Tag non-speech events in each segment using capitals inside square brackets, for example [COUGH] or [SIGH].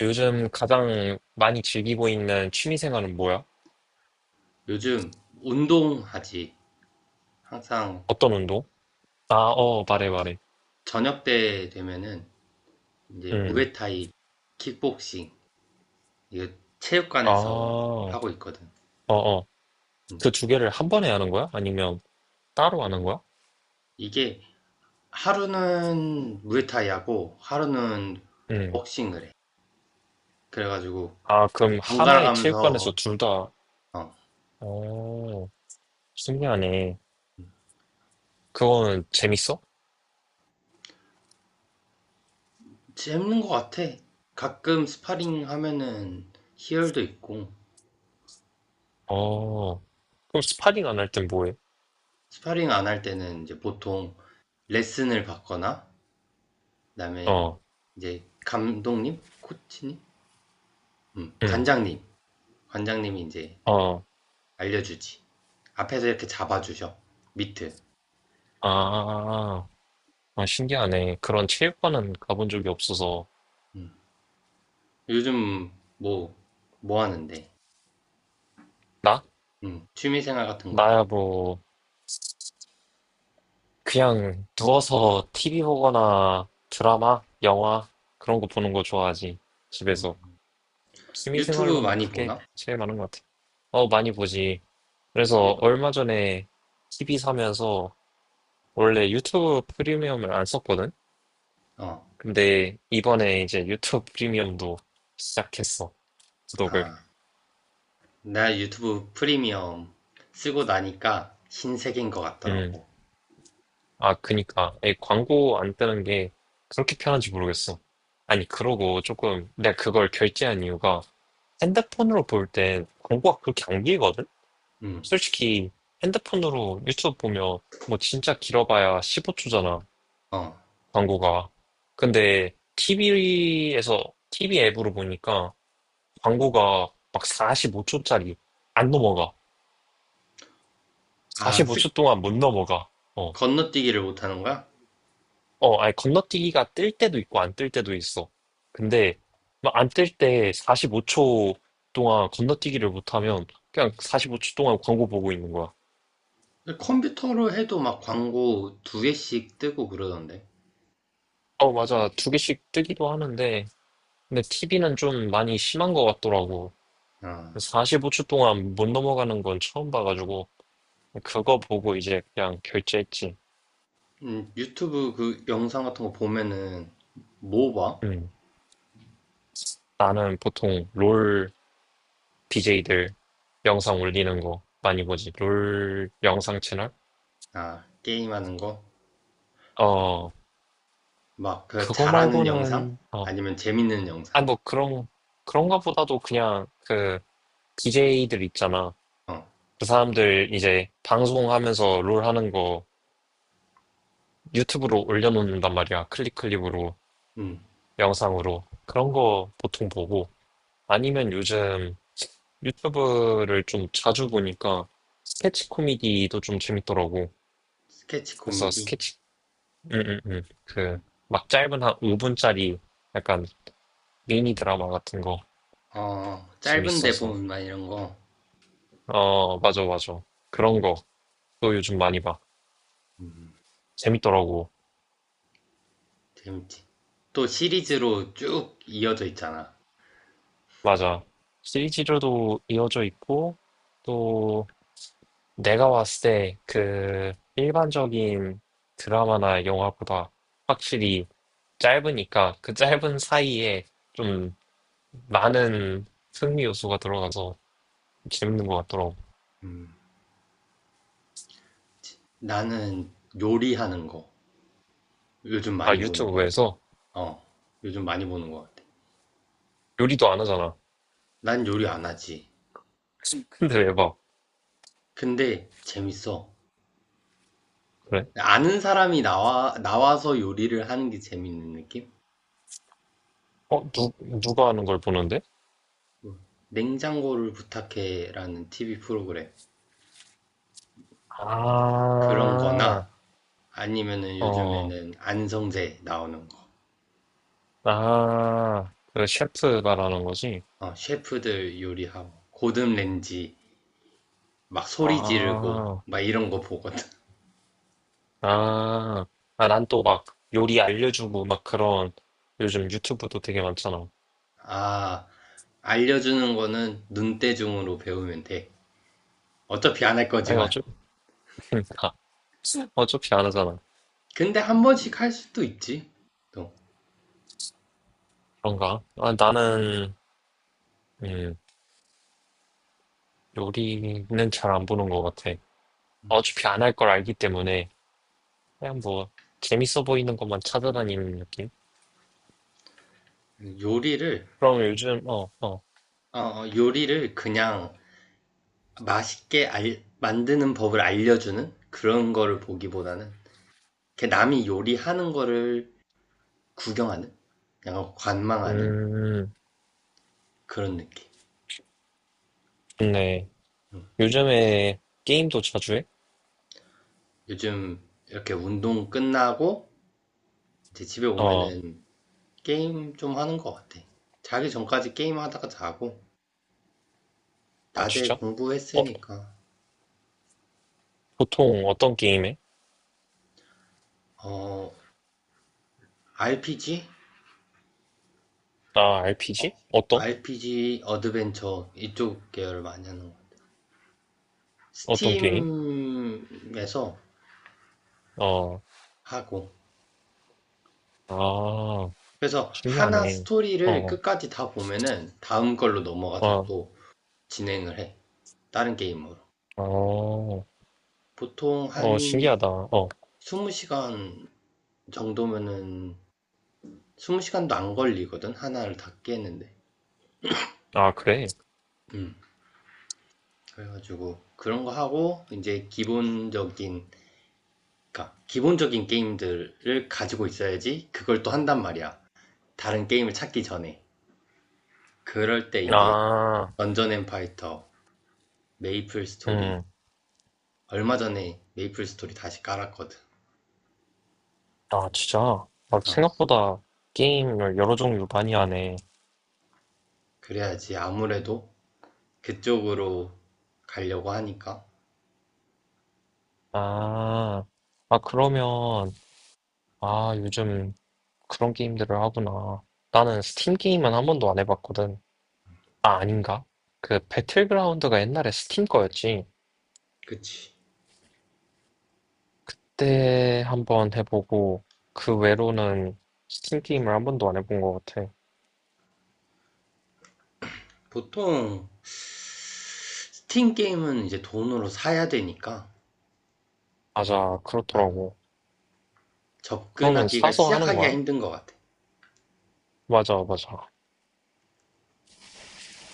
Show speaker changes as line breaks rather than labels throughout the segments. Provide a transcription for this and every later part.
요즘 가장 많이 즐기고 있는 취미 생활은 뭐야?
요즘 운동하지. 항상
어떤 운동? 아, 어, 말해, 말해.
저녁 때 되면은 이제
음.
무에타이, 킥복싱, 이거
아,
체육관에서
어,
하고 있거든.
어.
음.
그 두 개를 한 번에 하는 거야? 아니면 따로 하는 거야?
이게 하루는 무에타이 하고 하루는
응,
복싱을 해. 그래가지고
아,
이렇게
그럼
번갈아
하나의
가면서
체육관에서 둘 다,
어,
어, 신기하네. 그거는 재밌어?
재밌는 것 같아. 가끔 스파링 하면은 희열도 있고
어. 그럼 스파링 안 할 땐 뭐해?
스파링 안 할 때는 이제 보통 레슨을 받거나 그다음에
어,
이제 감독님, 코치님,
응,
관장님. 관장님이 이제
어,
알려주지. 앞에서 이렇게 잡아주셔. 밑트
아, 아, 신기하네. 그런 체육관은 가본 적이 없어서.
음. 요즘 뭐, 뭐 하는데?
나?
취미생활 같은 거.
나야 뭐, 그냥 누워서 TV 보거나 드라마, 영화 그런 거 보는 거 좋아하지.
음.
집에서. 취미
유튜브
생활로는
많이
그게
보나?
제일 많은 것 같아. 어, 많이 보지. 그래서
유-
얼마 전에 TV 사면서 원래 유튜브 프리미엄을 안 썼거든?
어.
근데 이번에 이제 유튜브 프리미엄도 시작했어. 구독을.
아, 나 유튜브 프리미엄 쓰고 나니까 신세계인 것
음.
같더라고.
아, 그니까. 이 광고 안 뜨는 게 그렇게 편한지 모르겠어. 아니, 그러고 조금 내가 그걸 결제한 이유가 핸드폰으로 볼 때 광고가 그렇게 안 길거든?
음,
솔직히 핸드폰으로 유튜브 보면 뭐 진짜 길어봐야 15초잖아,
어.
광고가. 근데 TV에서, TV 앱으로 보니까 광고가 막 45초짜리 안 넘어가.
아, 쓱
45초 동안 못 넘어가. 어,
건너뛰기를 못하는 거야?
어, 아니, 건너뛰기가 뜰 때도 있고 안 뜰 때도 있어. 근데 막 안 뜰 때 45초 동안 건너뛰기를 못하면 그냥 45초 동안 광고 보고 있는 거야.
컴퓨터로 해도 막 광고 두 개씩 뜨고 그러던데.
어, 맞아. 두 개씩 뜨기도 하는데, 근데 TV는 좀 많이 심한 것 같더라고.
어.
45초 동안 못 넘어가는 건 처음 봐가지고, 그거 보고 이제 그냥 결제했지.
유튜브 그 영상 같은 거 보면은 뭐 봐?
음. 나는 보통 롤 DJ들 영상 올리는 거 많이 보지. 롤 영상 채널?
아, 게임하는 거?
어,
막 그
그거
잘하는 영상?
말고는, 어,
아니면 재밌는
아니
영상?
뭐 그런, 그런가 보다도 그냥 그 BJ들 있잖아.
어,
그 사람들 이제 방송하면서 롤 하는 거 유튜브로 올려놓는단 말이야. 클립으로,
음,
영상으로. 그런 거 보통 보고. 아니면 요즘 유튜브를 좀 자주 보니까 스케치 코미디도 좀 재밌더라고.
스케치
그래서
코미디?
스케치. 그, 막 짧은 한 5분짜리 약간 미니 드라마 같은 거
짧은데
재밌어서.
보면 막 이런 거.
어, 맞아, 맞아. 그런 거 또 요즘 많이 봐.
음,
재밌더라고.
재밌지. 또 시리즈로 쭉 이어져 있잖아.
맞아. 시리즈로도 이어져 있고, 또 내가 봤을 때 그 일반적인 드라마나 영화보다 확실히 짧으니까 그 짧은 사이에 좀 많은 흥미 요소가 들어가서 재밌는 것 같더라고.
음, 나는 요리하는 거 요즘
아,
많이 보는 것 같아.
유튜브에서
어, 요즘 많이 보는 것 같아.
요리도 안 하잖아.
난 요리 안 하지.
근데 왜 봐?
근데 재밌어.
그래?
아는 사람이 나와서 요리를 하는 게 재밌는 느낌?
어, 누가 하는 걸 보는데?
뭐, 냉장고를 부탁해라는 TV 프로그램. 그런
아,
거나 아니면은
어,
요즘에는 안성재 나오는 거.
아, 그 셰프 말하는 거지?
셰프들 요리하고, 고든 렌지 막 소리 지르고,
아.
막 이런 거 보거든. [LAUGHS]
아, 아, 난 또 막 요리 알려주고 막 그런 요즘 유튜브도 되게 많잖아.
아, 알려주는 거는 눈대중으로 배우면 돼. 어차피 안 할
아니,
거지만.
어차피, [LAUGHS] 어차피 안 하잖아.
근데 한 번씩 할 수도 있지. 또
그런가? 아, 나는, 음, 요리는 잘 안 보는 것 같아. 어차피 안 할 걸 알기 때문에 그냥 뭐 재밌어 보이는 것만 찾아다니는 느낌?
요리를,
그럼 요즘, 어, 어,
요리를 그냥 맛있게 만드는 법을 알려주는 그런 거를 보기보다는 이렇게 남이 요리하는 거를 구경하는 약간 관망하는
음,
그런 느낌.
좋네. 요즘에 게임도 자주 해?
요즘 이렇게 운동 끝나고 이제 집에
어,
오면은 게임 좀 하는 것 같아. 자기 전까지 게임 하다가 자고
아,
낮에
진짜? 어,
공부했으니까
보통 어떤 게임 해?
어 RPG?
아, RPG?
어,
어떤?
RPG 어드벤처 이쪽 계열 많이 하는 거.
어떤 게임?
스팀에서
어,
하고
아,
그래서 하나
신기하네.
스토리를
어,
끝까지 다 보면은 다음 걸로 넘어가서
어,
또 진행을 해. 다른 게임으로.
어, 어,
보통
어,
한
신기하다. 어,
20시간 정도면은 20시간도 안 걸리거든. 하나를 다 깨는데.
아, 그래.
음. 그래가지고 그런 거 하고 이제 기본적인 그러니까 기본적인 게임들을 가지고 있어야지 그걸 또 한단 말이야. 다른 게임을 찾기 전에. 그럴 때 이제
아,
던전 앤 파이터, 메이플 스토리
음,
얼마 전에 메이플 스토리 다시 깔았거든.
아, 진짜. 막
어,
생각보다 게임을 여러 종류 많이 하네.
그래야지 아무래도 그쪽으로 가려고 하니까.
아, 아, 그러면, 아, 요즘 그런 게임들을 하구나. 나는 스팀 게임은 한 번도 안 해봤거든. 아, 아닌가? 그 배틀그라운드가 옛날에 스팀 거였지.
그치.
그때 한번 해보고 그 외로는 스팀 게임을 한 번도 안 해본 것 같아.
보통 스팀 게임은 이제 돈으로 사야 되니까
맞아,
아,
그렇더라고. 그러면
접근하기가
사서 하는
시작하기가
거야?
힘든 것 같아.
맞아, 맞아.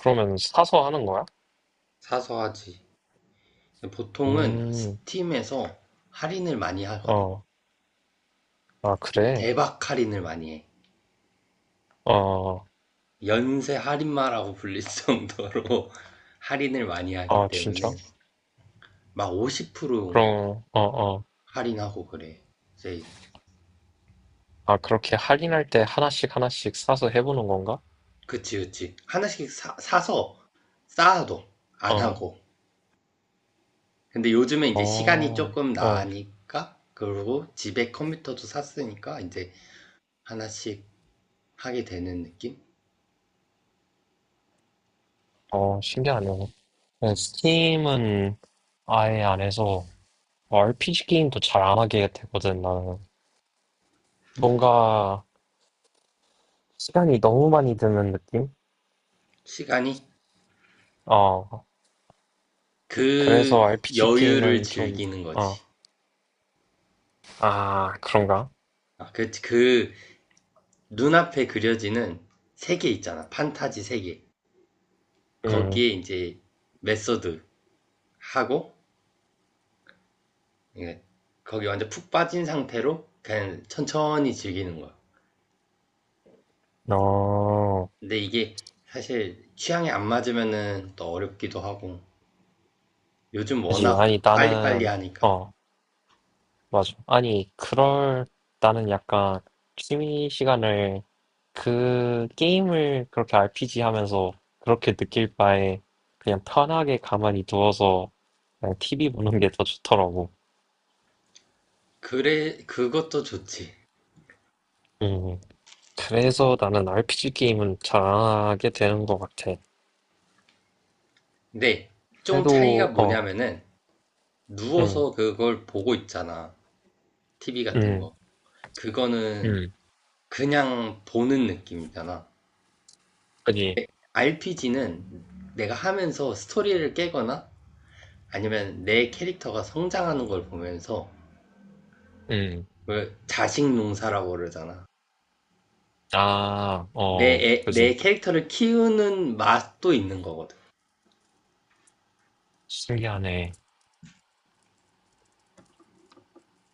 그러면 사서 하는 거야?
사서 하지. 보통은
음,
스팀에서 할인을 많이 하거든.
어, 아, 그래?
대박 할인을 많이 해.
어,
연세 할인마라고 불릴 정도로 [LAUGHS] 할인을 많이 하기
아, 진짜?
때문에 막 50%
그럼, 어, 어.
할인하고 그래. 세일을.
아, 그렇게 할인할 때 하나씩 하나씩 사서 해보는 건가?
그치, 그치. 하나씩 사서 쌓아도 안
어,
하고. 근데 요즘에 이제 시간이
어,
조금
어,
나니까, 그리고 집에 컴퓨터도 샀으니까 이제 하나씩 하게 되는 느낌?
어, 신기하네. 네,
음.
스팀은 아예 안 해서 어, RPG 게임도 잘 안 하게 되거든, 나는. 뭔가 시간이 너무 많이 드는 느낌?
시간이
어, 그래서
그
RPG
여유를
게임은 좀,
즐기는
어,
거지.
아, 그런가?
아, 그 눈앞에 그려지는 세계 있잖아. 판타지 세계.
음,
거기에 이제 메소드 하고, 예, 거기 완전 푹 빠진 상태로 그냥 천천히 즐기는 거야.
어,
근데 이게 사실 취향이 안 맞으면은 또 어렵기도 하고 요즘
그지.
워낙
아니,
빨리빨리
나는,
하니까
어, 맞아. 아니, 그럴, 나는 약간 취미 시간을 그 게임을 그렇게 RPG 하면서 그렇게 느낄 바에 그냥 편하게 가만히 누워서 그냥 TV 보는 게 더 좋더라고.
그래 그것도 좋지.
음, 그래서 나는 RPG 게임은 잘하게 되는 것 같아.
근데 좀 차이가
그래도, 어,
뭐냐면은
응,
누워서 그걸 보고 있잖아. TV 같은
응,
거. 그거는
응,
그냥 보는 느낌이잖아.
그지,
RPG는 내가 하면서 스토리를 깨거나 아니면 내 캐릭터가 성장하는 걸 보면서
응,
왜 자식 농사라고 그러잖아.
아, 어,
내
그지.
캐릭터를 키우는 맛도 있는 거거든.
신기하네.